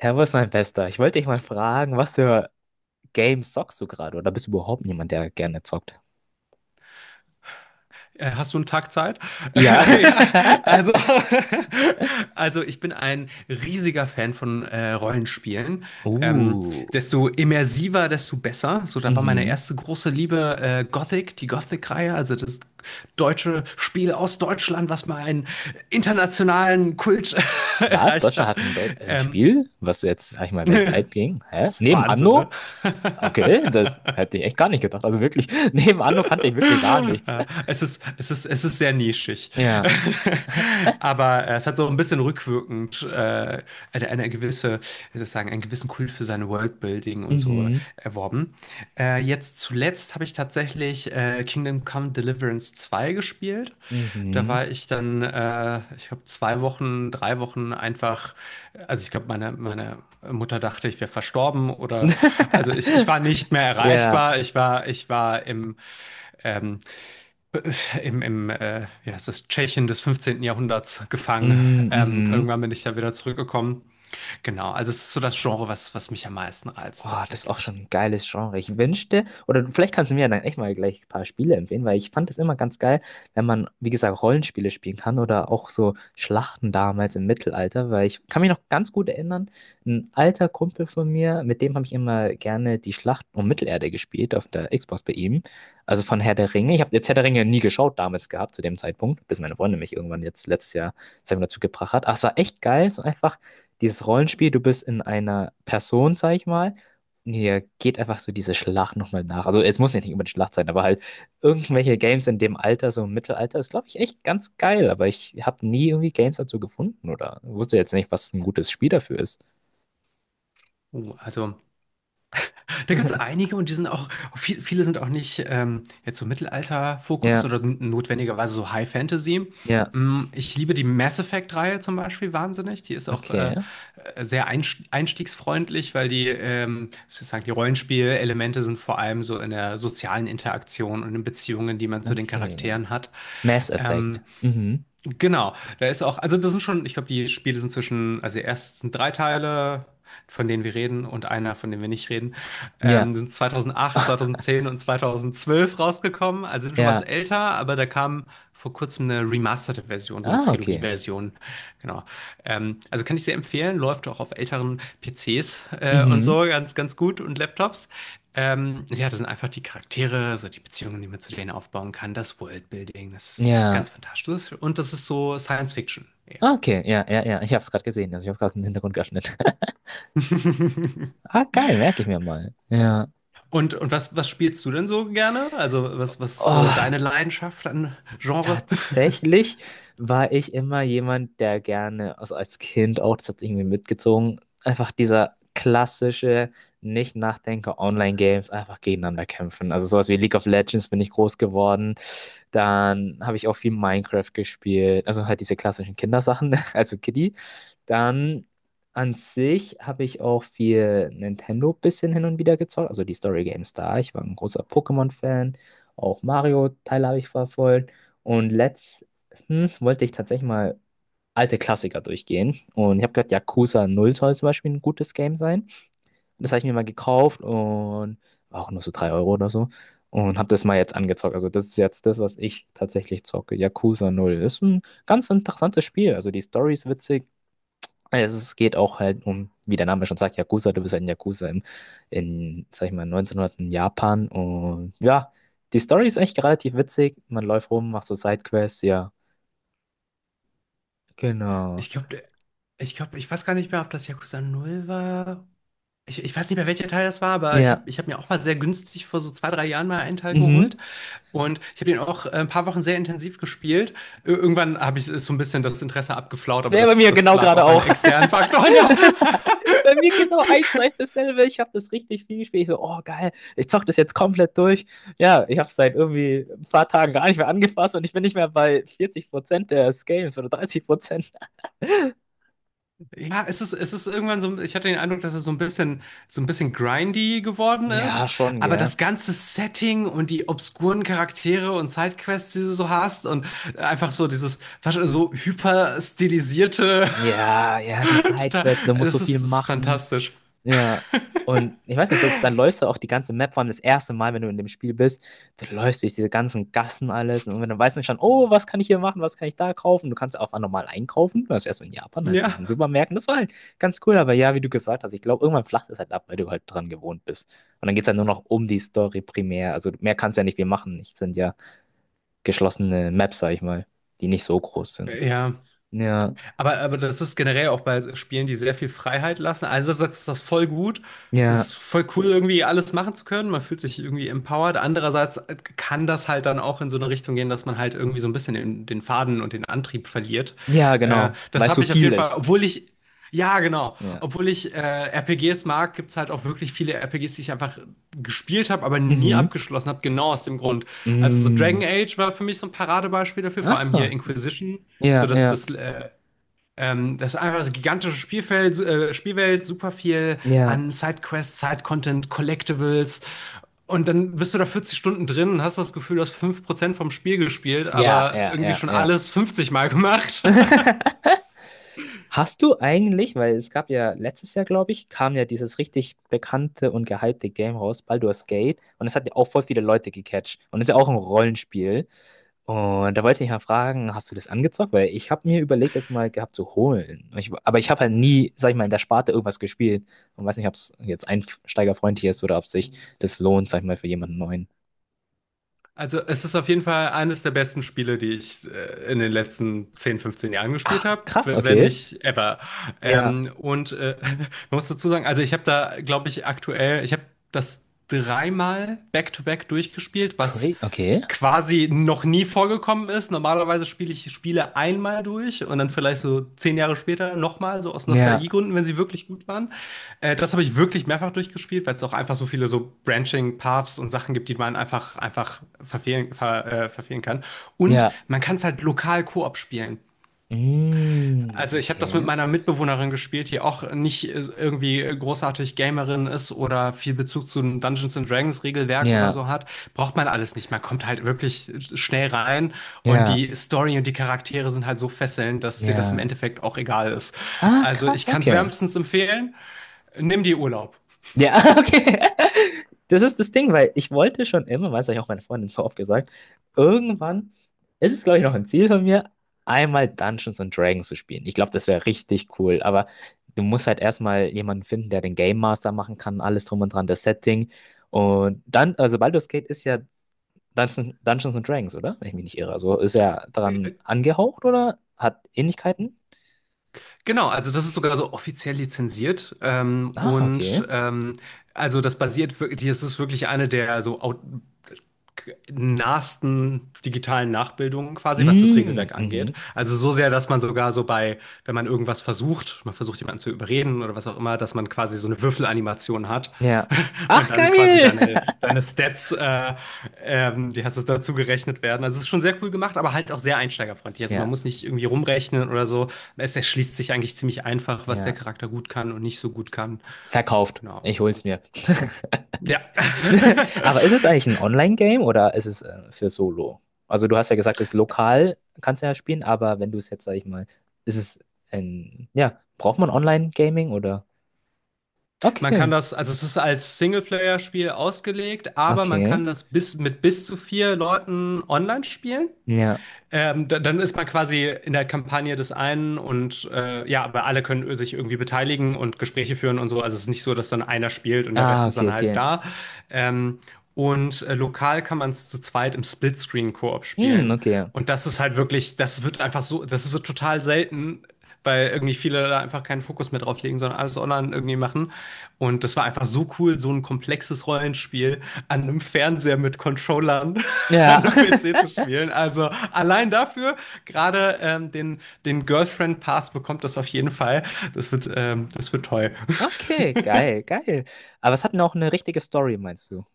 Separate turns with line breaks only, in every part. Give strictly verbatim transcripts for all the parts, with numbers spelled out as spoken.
Servus, mein Bester. Ich wollte dich mal fragen, was für Games zockst du gerade? Oder bist du überhaupt jemand, der gerne zockt?
Äh, Hast du einen Tag Zeit?
Ja.
Ja, also, also ich bin ein riesiger Fan von äh, Rollenspielen. Ähm,
Uh.
Desto immersiver, desto besser. So, da war meine
Mhm.
erste große Liebe, äh, Gothic, die Gothic-Reihe, also das deutsche Spiel aus Deutschland, was mal einen internationalen Kult
Was?
erreicht
Deutschland
hat.
hat ein, Deu ein
Ähm,
Spiel, was jetzt, sag ich mal,
Das
weltweit ging? Hä?
ist
Neben
Wahnsinn, ne?
Anno? Okay, das hätte ich echt gar nicht gedacht. Also wirklich, neben Anno kannte ich wirklich gar nichts.
Äh, Es ist, es ist, es ist sehr nischig.
Ja.
Aber äh, es hat so ein bisschen rückwirkend äh, eine, eine gewisse, wie soll ich sagen, einen gewissen Kult für sein Worldbuilding und so
Mhm.
erworben. Äh, jetzt zuletzt habe ich tatsächlich äh, Kingdom Come Deliverance zwei gespielt. Da
Mhm.
war ich dann, äh, ich habe zwei Wochen, drei Wochen einfach, also ich glaube, meine, meine Mutter dachte, ich wäre verstorben oder, also ich, ich war nicht mehr
Ja.
erreichbar. Ich war, ich war im, ähm, im, im äh, wie heißt das, Tschechien des fünfzehnten. Jahrhunderts gefangen.
Mhm.
Ähm,
Mhm.
irgendwann bin ich ja wieder zurückgekommen. Genau, also es ist so das Genre, was, was mich am meisten reizt
Boah, das ist auch
tatsächlich.
schon ein geiles Genre. Ich wünschte, oder vielleicht kannst du mir dann echt mal gleich ein paar Spiele empfehlen, weil ich fand das immer ganz geil, wenn man, wie gesagt, Rollenspiele spielen kann oder auch so Schlachten damals im Mittelalter, weil ich kann mich noch ganz gut erinnern, ein alter Kumpel von mir, mit dem habe ich immer gerne die Schlacht um Mittelerde gespielt auf der Xbox bei ihm, also von Herr der Ringe. Ich habe jetzt Herr der Ringe nie geschaut damals gehabt zu dem Zeitpunkt, bis meine Freundin mich irgendwann jetzt letztes Jahr, sagen wir, dazu gebracht hat. Ach, es war echt geil, so einfach dieses Rollenspiel, du bist in einer Person, sag ich mal ja, geht einfach so diese Schlacht nochmal nach. Also es muss ja nicht unbedingt Schlacht sein, aber halt irgendwelche Games in dem Alter, so im Mittelalter, ist, glaube ich, echt ganz geil. Aber ich habe nie irgendwie Games dazu gefunden oder wusste jetzt nicht, was ein gutes Spiel dafür ist.
Uh, also, da gibt es einige und die sind auch, viel, viele sind auch nicht ähm, jetzt so Mittelalter-Fokus
Ja,
oder n- notwendigerweise so High Fantasy.
ja,
Mm, Ich liebe die Mass Effect-Reihe zum Beispiel wahnsinnig. Die ist auch
okay,
äh, äh, sehr einst- einstiegsfreundlich, weil die, ähm, sozusagen die Rollenspielelemente sind vor allem so in der sozialen Interaktion und in Beziehungen, die man zu den
okay.
Charakteren hat.
Mass Effect. Mhm.
Genau, da ist auch, also das sind schon, ich glaube, die Spiele sind zwischen, also erst sind drei Teile, von denen wir reden und einer, von dem wir nicht reden,
Ja.
ähm, sind zweitausendacht, zweitausendzehn und zweitausendzwölf rausgekommen, also sind schon was
Ja.
älter, aber da kam vor kurzem eine remasterte Version, so eine
Ah, okay.
Trilogie-Version, genau. Ähm, also kann ich sehr empfehlen, läuft auch auf älteren P Cs, äh, und
Mhm.
so ganz, ganz gut und Laptops. Ähm, ja, das sind einfach die Charaktere, so die Beziehungen, die man zu denen aufbauen kann, das Worldbuilding, das ist ganz
Ja.
fantastisch. Und das ist so Science Fiction eher.
Ah, okay, ja, ja, ja. Ich habe es gerade gesehen. Also ich habe gerade den Hintergrund geöffnet. Ah, geil, merke ich mir mal. Ja.
Und, und was, was spielst du denn so gerne? Also, was, was ist so
Oh.
deine Leidenschaft an Genre?
Tatsächlich war ich immer jemand, der gerne, also als Kind auch, das hat irgendwie mitgezogen, einfach dieser klassische Nicht-Nachdenker-Online-Games einfach gegeneinander kämpfen. Also sowas wie League of Legends bin ich groß geworden. Dann habe ich auch viel Minecraft gespielt. Also halt diese klassischen Kindersachen, also Kiddie. Dann an sich habe ich auch viel Nintendo bisschen hin und wieder gezockt, also die Story Games da. Ich war ein großer Pokémon-Fan, auch Mario-Teile habe ich verfolgt. Und letztens wollte ich tatsächlich mal alte Klassiker durchgehen. Und ich habe gehört, Yakuza Null soll zum Beispiel ein gutes Game sein. Das habe ich mir mal gekauft und war auch nur so drei Euro oder so. Und habe das mal jetzt angezockt. Also das ist jetzt das, was ich tatsächlich zocke. Yakuza Null ist ein ganz interessantes Spiel. Also die Story ist witzig. Also es geht auch halt um, wie der Name schon sagt, Yakuza, du bist halt ein Yakuza in, in, sag ich mal, neunzehnhundert in Japan. Und ja, die Story ist echt relativ witzig. Man läuft rum, macht so Sidequests, ja. Genau.
Ich glaube, ich glaube, ich weiß gar nicht mehr, ob das Yakuza Null war. Ich, ich weiß nicht mehr, welcher Teil das war, aber ich habe
Ja.
ich hab mir auch mal sehr günstig vor so zwei, drei Jahren mal einen Teil geholt.
Mhm.
Und ich habe den auch äh, ein paar Wochen sehr intensiv gespielt. Ir- Irgendwann habe ich so ein bisschen das Interesse abgeflaut, aber
Ja, bei
das,
mir
das
genau
lag
gerade
auch an
auch.
externen Faktoren, ja.
Bei mir genau eins zu eins dasselbe. Ich habe das richtig viel gespielt. Ich so, oh geil, ich zock das jetzt komplett durch. Ja, ich habe es seit irgendwie ein paar Tagen gar nicht mehr angefasst und ich bin nicht mehr bei vierzig Prozent des Games oder dreißig Prozent.
Ja, es ist, es ist irgendwann so, ich hatte den Eindruck, dass es so ein bisschen, so ein bisschen grindy geworden
Ja,
ist.
schon,
Aber
gell.
das ganze Setting und die obskuren Charaktere und Sidequests, die du so hast und einfach so dieses, was- so hyperstilisierte,
Ja, ja, die
total,
Sidequests, du musst so
das
viel
ist, das ist
machen.
fantastisch.
Ja. Und ich weiß nicht, das, dann läufst du auch die ganze Map, vor allem das erste Mal, wenn du in dem Spiel bist, du läufst durch diese ganzen Gassen alles und dann weißt du schon, oh, was kann ich hier machen, was kann ich da kaufen? Du kannst auch normal einkaufen, du warst erst in Japan halt in
Ja.
diesen Supermärkten, das war halt ganz cool, aber ja, wie du gesagt hast, ich glaube, irgendwann flacht es halt ab, weil du halt dran gewohnt bist. Und dann geht es halt nur noch um die Story primär, also mehr kannst du ja nicht viel machen, es sind ja geschlossene Maps, sag ich mal, die nicht so groß sind.
Ja.
Ja,
Aber, aber das ist generell auch bei Spielen, die sehr viel Freiheit lassen. Einerseits ist das voll gut, es
ja.
ist voll cool, irgendwie alles machen zu können. Man fühlt sich irgendwie empowered. Andererseits kann das halt dann auch in so eine Richtung gehen, dass man halt irgendwie so ein bisschen den, den Faden und den Antrieb verliert.
Ja,
Äh,
genau, weil
das
es
habe
so
ich auf
viel
jeden Fall,
ist.
obwohl ich, ja, genau,
Ja.
obwohl ich äh, R P Gs mag, gibt's halt auch wirklich viele R P Gs, die ich einfach gespielt habe, aber nie
Mhm.
abgeschlossen habe, genau aus dem Grund. Also so
Mm.
Dragon Age war für mich so ein Paradebeispiel dafür, vor allem hier
Ah,
Inquisition. So,
ja,
das,
ja,
das äh, ähm, das ist einfach das gigantische Spielfeld, äh, Spielwelt, super viel
ja,
an Sidequests, Side-Content, Collectibles. Und dann bist du da vierzig Stunden drin und hast das Gefühl, du hast fünf Prozent vom Spiel gespielt,
ja,
aber
ja,
irgendwie
ja,
schon
ja.
alles fünfzig Mal gemacht.
Hast du eigentlich, weil es gab ja letztes Jahr, glaube ich, kam ja dieses richtig bekannte und gehypte Game raus, Baldur's Gate, und das hat ja auch voll viele Leute gecatcht. Und das ist ja auch ein Rollenspiel. Und da wollte ich mal fragen, hast du das angezockt? Weil ich habe mir überlegt, das mal gehabt zu holen. Ich, aber ich habe halt nie, sag ich mal, in der Sparte irgendwas gespielt. Und weiß nicht, ob es jetzt einsteigerfreundlich ist oder ob sich das lohnt, sag ich mal, für jemanden neuen.
Also es ist auf jeden Fall eines der besten Spiele, die ich äh, in den letzten zehn, fünfzehn Jahren gespielt
Ach,
habe,
krass,
wenn
okay.
nicht ever.
Ja.
Ähm, und äh, man muss dazu sagen, also ich habe da, glaube ich, aktuell, ich habe das dreimal back-to-back durchgespielt,
Cra
was
okay.
quasi noch nie vorgekommen ist. Normalerweise spiele ich Spiele einmal durch und dann vielleicht so zehn Jahre später nochmal, so aus
Ja,
Nostalgiegründen, wenn sie wirklich gut waren. Äh, das habe ich wirklich mehrfach durchgespielt, weil es auch einfach so viele so Branching Paths und Sachen gibt, die man einfach, einfach verfehlen, ver, äh, verfehlen kann. Und
ja.
man kann es halt lokal Koop spielen.
Mm,
Also ich habe das mit
okay.
meiner Mitbewohnerin gespielt, die auch nicht äh, irgendwie großartig Gamerin ist oder viel Bezug zu einem Dungeons and Dragons Regelwerk oder
Ja,
so hat. Braucht man alles nicht. Man kommt halt wirklich schnell rein und
ja,
die Story und die Charaktere sind halt so fesselnd, dass dir das im
ja.
Endeffekt auch egal ist.
Ah,
Also
krass,
ich kann es
okay.
wärmstens empfehlen. Nimm dir Urlaub.
Ja, okay. Das ist das Ding, weil ich wollte schon immer, weil es habe ich auch meine Freundin so oft gesagt, irgendwann ist es, glaube ich, noch ein Ziel von mir, einmal Dungeons and Dragons zu spielen. Ich glaube, das wäre richtig cool, aber du musst halt erstmal jemanden finden, der den Game Master machen kann, alles drum und dran, das Setting. Und dann, also Baldur's Gate ist ja Dungeons, Dungeons and Dragons, oder? Wenn ich mich nicht irre. Also ist er
Äh,
daran
äh,
angehaucht oder hat Ähnlichkeiten?
Genau, also das ist sogar so offiziell lizenziert, ähm,
Ah, okay.
und ähm, also das basiert wirklich, das ist wirklich eine der so au- nahesten digitalen Nachbildungen quasi, was das
Mm,
Regelwerk angeht.
mhm.
Also so sehr, dass man sogar so bei, wenn man irgendwas versucht, man versucht jemanden zu überreden oder was auch immer, dass man quasi so eine Würfelanimation hat
Ja.
und
Ach,
dann quasi
geil!
deine, deine Stats, äh, ähm, die hast es dazu gerechnet werden. Also es ist schon sehr cool gemacht, aber halt auch sehr einsteigerfreundlich. Also man muss
Ja.
nicht irgendwie rumrechnen oder so. Es erschließt sich eigentlich ziemlich einfach, was der
Ja.
Charakter gut kann und nicht so gut kann.
Verkauft.
Genau,
Ich
also
hol's mir.
ja.
Aber ist es eigentlich ein Online-Game oder ist es äh, für Solo? Also du hast ja gesagt, es lokal kannst du ja spielen, aber wenn du es jetzt, sag ich mal, ist es ein, ja, braucht man Online-Gaming oder?
Man kann
Okay,
das, also es ist als Singleplayer-Spiel ausgelegt, aber man
okay,
kann das bis, mit bis zu vier Leuten online spielen.
ja.
Ähm, da- dann ist man quasi in der Kampagne des einen und äh, ja, aber alle können sich irgendwie beteiligen und Gespräche führen und so. Also es ist nicht so, dass dann einer spielt und der Rest
Ah,
ist
okay,
dann halt
okay.
da. Ähm, und äh, Lokal kann man es zu zweit im Splitscreen-Koop
Hm,
spielen.
okay.
Und das ist halt wirklich, das wird einfach so, das wird total selten, weil irgendwie viele da einfach keinen Fokus mehr drauf legen, sondern alles online irgendwie machen. Und das war einfach so cool, so ein komplexes Rollenspiel an einem Fernseher mit Controllern. an
Ja.
einem P C zu spielen. Also allein dafür, gerade ähm, den, den Girlfriend Pass bekommt das auf jeden Fall. Das wird, ähm, das wird toll.
Okay, geil, geil. Aber es hat noch eine richtige Story, meinst du?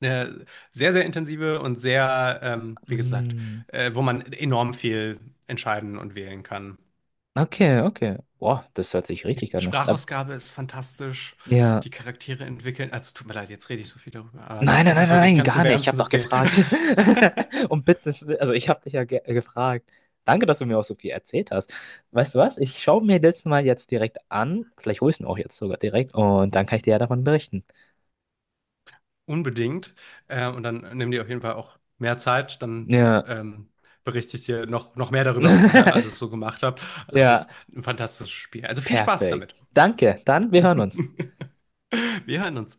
Eine sehr, sehr intensive und sehr, ähm, wie gesagt,
Hm,
äh, wo man enorm viel entscheiden und wählen kann.
okay, okay. Boah, das hört sich
Die
richtig an. Ne? Ab-
Sprachausgabe ist fantastisch.
Ja.
Die Charaktere entwickeln. Also tut mir leid, jetzt rede ich so viel darüber, aber
Nein, nein,
es
nein,
ist wirklich, ich
nein,
kann es nur
gar nicht. Ich habe
wärmstens
doch
empfehlen.
gefragt. Und bitte, also ich habe dich ja ge gefragt. Danke, dass du mir auch so viel erzählt hast. Weißt du was? Ich schaue mir das mal jetzt direkt an. Vielleicht hole ich ihn auch jetzt sogar direkt und dann kann ich dir ja davon berichten.
Unbedingt. Äh, und dann nimm dir auf jeden Fall auch mehr Zeit. Dann
Ja.
ähm, berichte ich dir noch, noch mehr darüber, was ich halt alles so gemacht habe. Es
Ja,
ist ein fantastisches Spiel. Also viel Spaß
perfekt.
damit.
Danke. Dann, wir hören uns.
Wir hören uns.